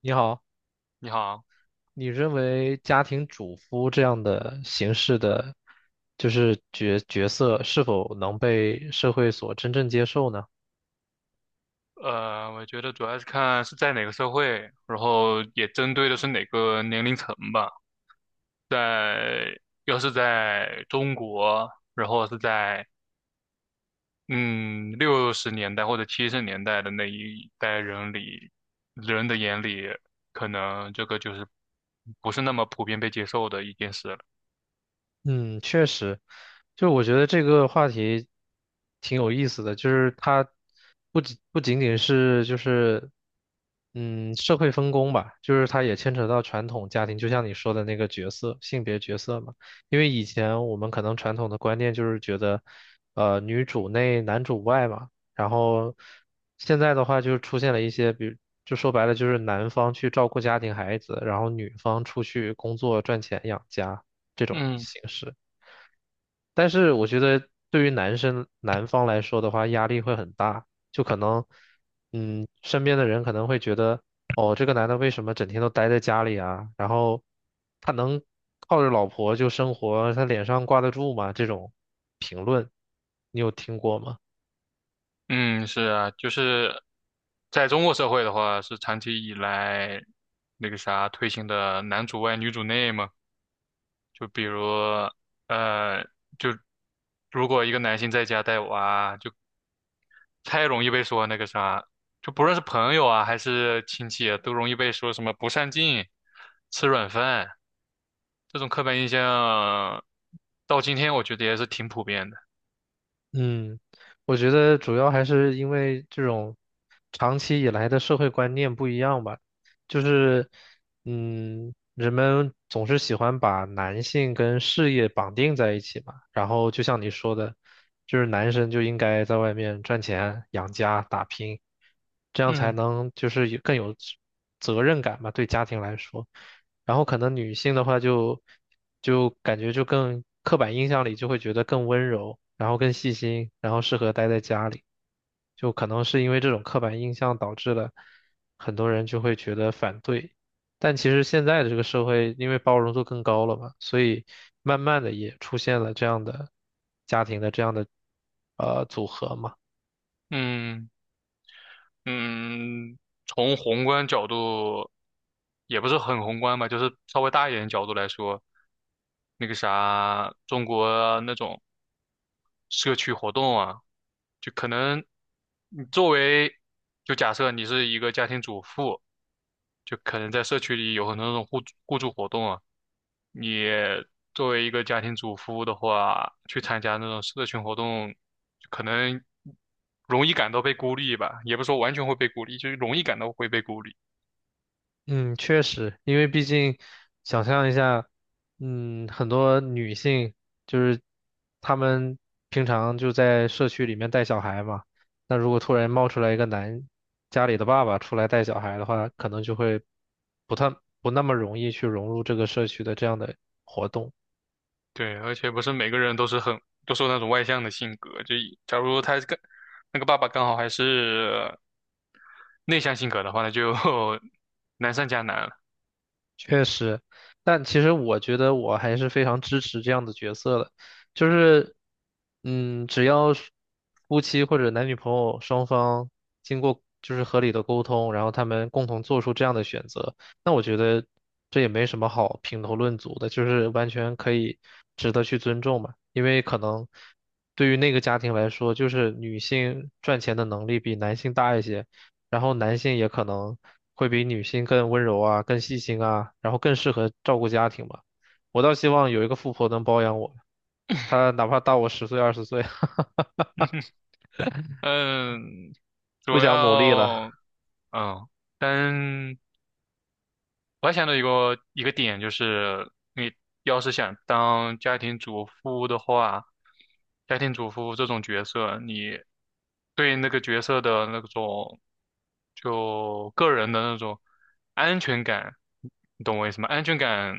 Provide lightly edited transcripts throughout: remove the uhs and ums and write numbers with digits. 你好，你好，你认为家庭主夫这样的形式的，就是角色是否能被社会所真正接受呢？我觉得主要是看是在哪个社会，然后也针对的是哪个年龄层吧。在，要是在中国，然后是在嗯六十年代或者七十年代的那一代人里，人的眼里，可能这个就是不是那么普遍被接受的一件事了。嗯，确实，就是我觉得这个话题挺有意思的，就是它不仅仅是就是社会分工吧，就是它也牵扯到传统家庭，就像你说的那个角色，性别角色嘛。因为以前我们可能传统的观念就是觉得，女主内男主外嘛，然后现在的话就出现了一些，比如就说白了就是男方去照顾家庭孩子，然后女方出去工作赚钱养家。这种嗯形式。但是我觉得对于男生男方来说的话，压力会很大，就可能，嗯，身边的人可能会觉得，哦，这个男的为什么整天都待在家里啊？然后他能靠着老婆就生活，他脸上挂得住吗？这种评论，你有听过吗？嗯，是啊，就是在中国社会的话，是长期以来那个啥推行的男主外女主内嘛。就比如，呃，就如果一个男性在家带娃，就太容易被说那个啥，就不论是朋友啊还是亲戚啊都容易被说什么不上进、吃软饭这种刻板印象，到今天我觉得也是挺普遍的。嗯，我觉得主要还是因为这种长期以来的社会观念不一样吧，就是嗯，人们总是喜欢把男性跟事业绑定在一起嘛，然后就像你说的，就是男生就应该在外面赚钱、养家、打拼，这样才嗯能就是更有责任感嘛，对家庭来说。然后可能女性的话就感觉就更刻板印象里就会觉得更温柔，然后更细心，然后适合待在家里，就可能是因为这种刻板印象导致了很多人就会觉得反对。但其实现在的这个社会，因为包容度更高了嘛，所以慢慢的也出现了这样的家庭的这样的组合嘛。嗯嗯，从宏观角度也不是很宏观吧，就是稍微大一点的角度来说，那个啥，中国那种社区活动啊。就可能你作为，就假设你是一个家庭主妇，就可能在社区里有很多那种互助活动啊。你作为一个家庭主妇的话，去参加那种社群活动，可能容易感到被孤立吧，也不是说完全会被孤立，就是容易感到会被孤立。嗯，确实，因为毕竟想象一下，嗯，很多女性就是她们平常就在社区里面带小孩嘛，那如果突然冒出来一个男家里的爸爸出来带小孩的话，可能就会不太不那么容易去融入这个社区的这样的活动。对，而且不是每个人都是那种外向的性格，就以假如他跟那个爸爸刚好还是内向性格的话，那就 难上加难了。确实，但其实我觉得我还是非常支持这样的角色的，就是，嗯，只要是夫妻或者男女朋友双方经过就是合理的沟通，然后他们共同做出这样的选择，那我觉得这也没什么好评头论足的，就是完全可以值得去尊重嘛，因为可能对于那个家庭来说，就是女性赚钱的能力比男性大一些。然后男性也可能会比女性更温柔啊，更细心啊，然后更适合照顾家庭吧。我倒希望有一个富婆能包养我，她哪怕大我十岁二十岁，嗯，不主想努力了。要嗯，单我还想到一个点，就是你要是想当家庭主妇的话，家庭主妇这种角色，你对那个角色的那种就个人的那种安全感，你懂我意思吗？安全感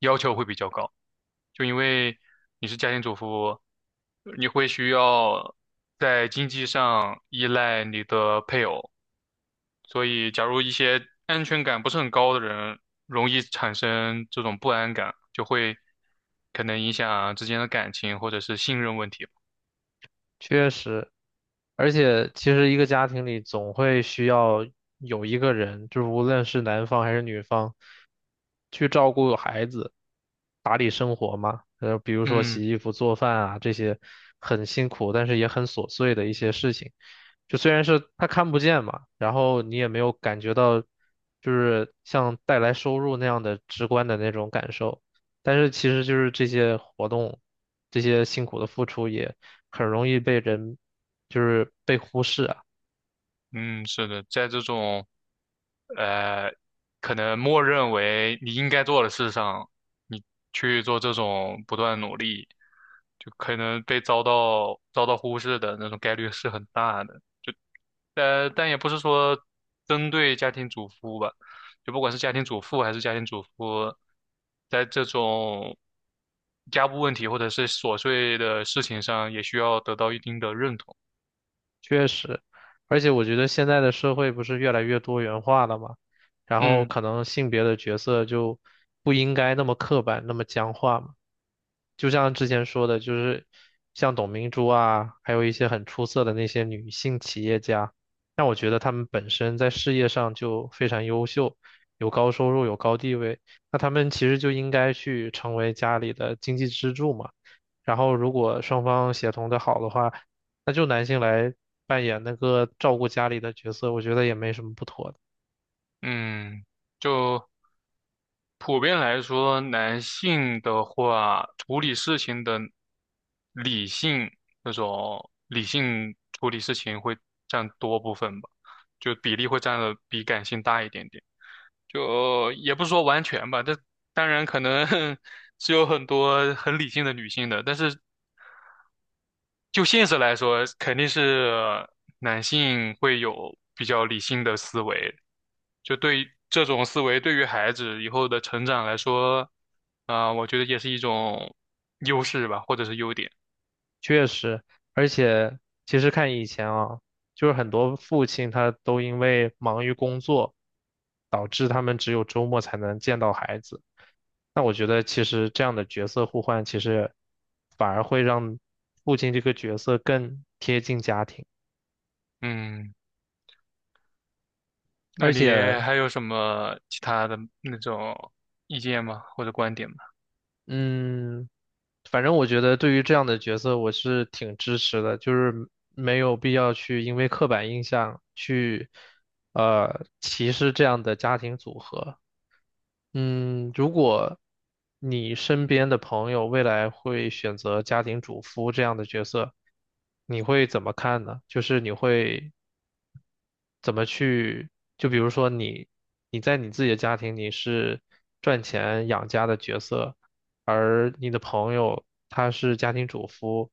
要求会比较高，就因为你是家庭主妇，你会需要在经济上依赖你的配偶。所以假如一些安全感不是很高的人，容易产生这种不安感，就会可能影响之间的感情或者是信任问题吧。确实，而且其实一个家庭里总会需要有一个人，就是无论是男方还是女方，去照顾孩子、打理生活嘛。比如说嗯洗衣服、做饭啊，这些很辛苦，但是也很琐碎的一些事情。就虽然是他看不见嘛，然后你也没有感觉到，就是像带来收入那样的直观的那种感受。但是其实就是这些活动，这些辛苦的付出也。很容易被人就是被忽视，啊。嗯，是的，在这种呃，可能默认为你应该做的事上，你去做这种不断努力，就可能被遭到忽视的那种概率是很大的。呃，但也不是说针对家庭主妇吧，就不管是家庭主妇还是家庭主妇，在这种家务问题或者是琐碎的事情上，也需要得到一定的认同。确实，而且我觉得现在的社会不是越来越多元化了嘛，然后嗯可能性别的角色就不应该那么刻板，那么僵化嘛。就像之前说的，就是像董明珠啊，还有一些很出色的那些女性企业家，那我觉得她们本身在事业上就非常优秀，有高收入，有高地位，那她们其实就应该去成为家里的经济支柱嘛。然后，如果双方协同的好的话，那就男性来扮演那个照顾家里的角色，我觉得也没什么不妥的。嗯，就普遍来说，男性的话，处理事情的理性那种理性处理事情会占多部分吧，就比例会占的比感性大一点点。就也不是说完全吧，但当然可能 是有很多很理性的女性的，但是就现实来说，肯定是男性会有比较理性的思维。就对于这种思维，对于孩子以后的成长来说，啊、我觉得也是一种优势吧，或者是优点。确实，而且其实看以前啊，就是很多父亲他都因为忙于工作，导致他们只有周末才能见到孩子。那我觉得其实这样的角色互换，其实反而会让父亲这个角色更贴近家庭，嗯，那而你且，还有什么其他的那种意见吗？或者观点吗？嗯。反正我觉得对于这样的角色，我是挺支持的，就是没有必要去因为刻板印象去歧视这样的家庭组合。嗯，如果你身边的朋友未来会选择家庭主夫这样的角色，你会怎么看呢？就是你会怎么去，就比如说你在你自己的家庭你是赚钱养家的角色，而你的朋友他是家庭主夫，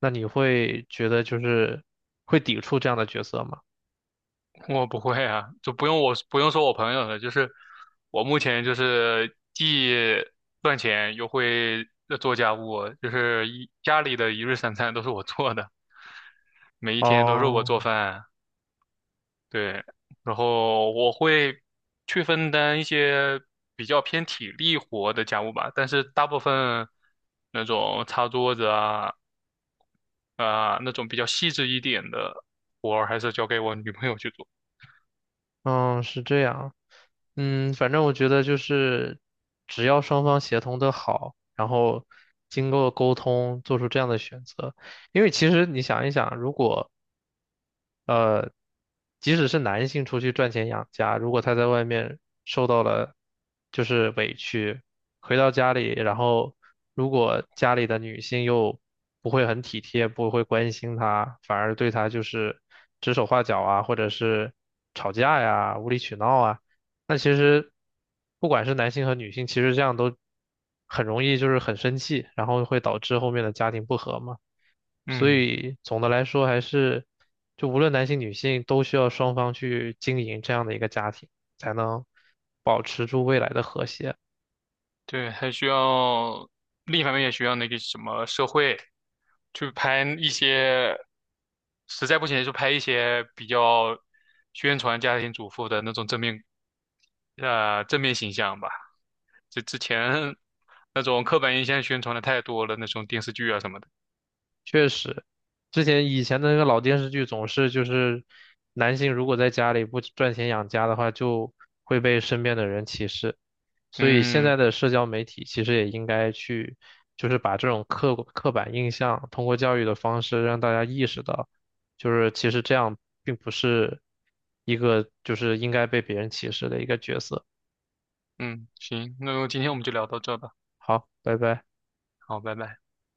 那你会觉得就是会抵触这样的角色吗？我不会啊，就不用说我朋友了，就是我目前就是既赚钱又会做家务，就是一家里的一日三餐都是我做的，每一天都是我哦，做饭，对，然后我会去分担一些比较偏体力活的家务吧，但是大部分那种擦桌子那种比较细致一点的活儿还是交给我女朋友去做，嗯，是这样。嗯，反正我觉得就是，只要双方协同的好，然后经过沟通做出这样的选择，因为其实你想一想，如果呃即使是男性出去赚钱养家，如果他在外面受到了就是委屈，回到家里，然后如果家里的女性又不会很体贴，不会关心他，反而对他就是指手画脚啊，或者是吵架呀、无理取闹啊，那其实不管是男性和女性，其实这样都很容易就是很生气，然后会导致后面的家庭不和嘛。所嗯。以总的来说，还是就无论男性女性，都需要双方去经营这样的一个家庭，才能保持住未来的和谐。对，还需要另一方面也需要那个什么社会，去拍一些，实在不行就拍一些比较宣传家庭主妇的那种正面，呃，正面形象吧。这之前那种刻板印象宣传的太多了，那种电视剧啊什么的。确实，之前以前的那个老电视剧总是就是男性如果在家里不赚钱养家的话，就会被身边的人歧视。所以现嗯在的社交媒体其实也应该去，就是把这种刻板印象通过教育的方式让大家意识到，就是其实这样并不是一个就是应该被别人歧视的一个角色。嗯，行，那今天我们就聊到这吧，好，拜拜。好，拜拜。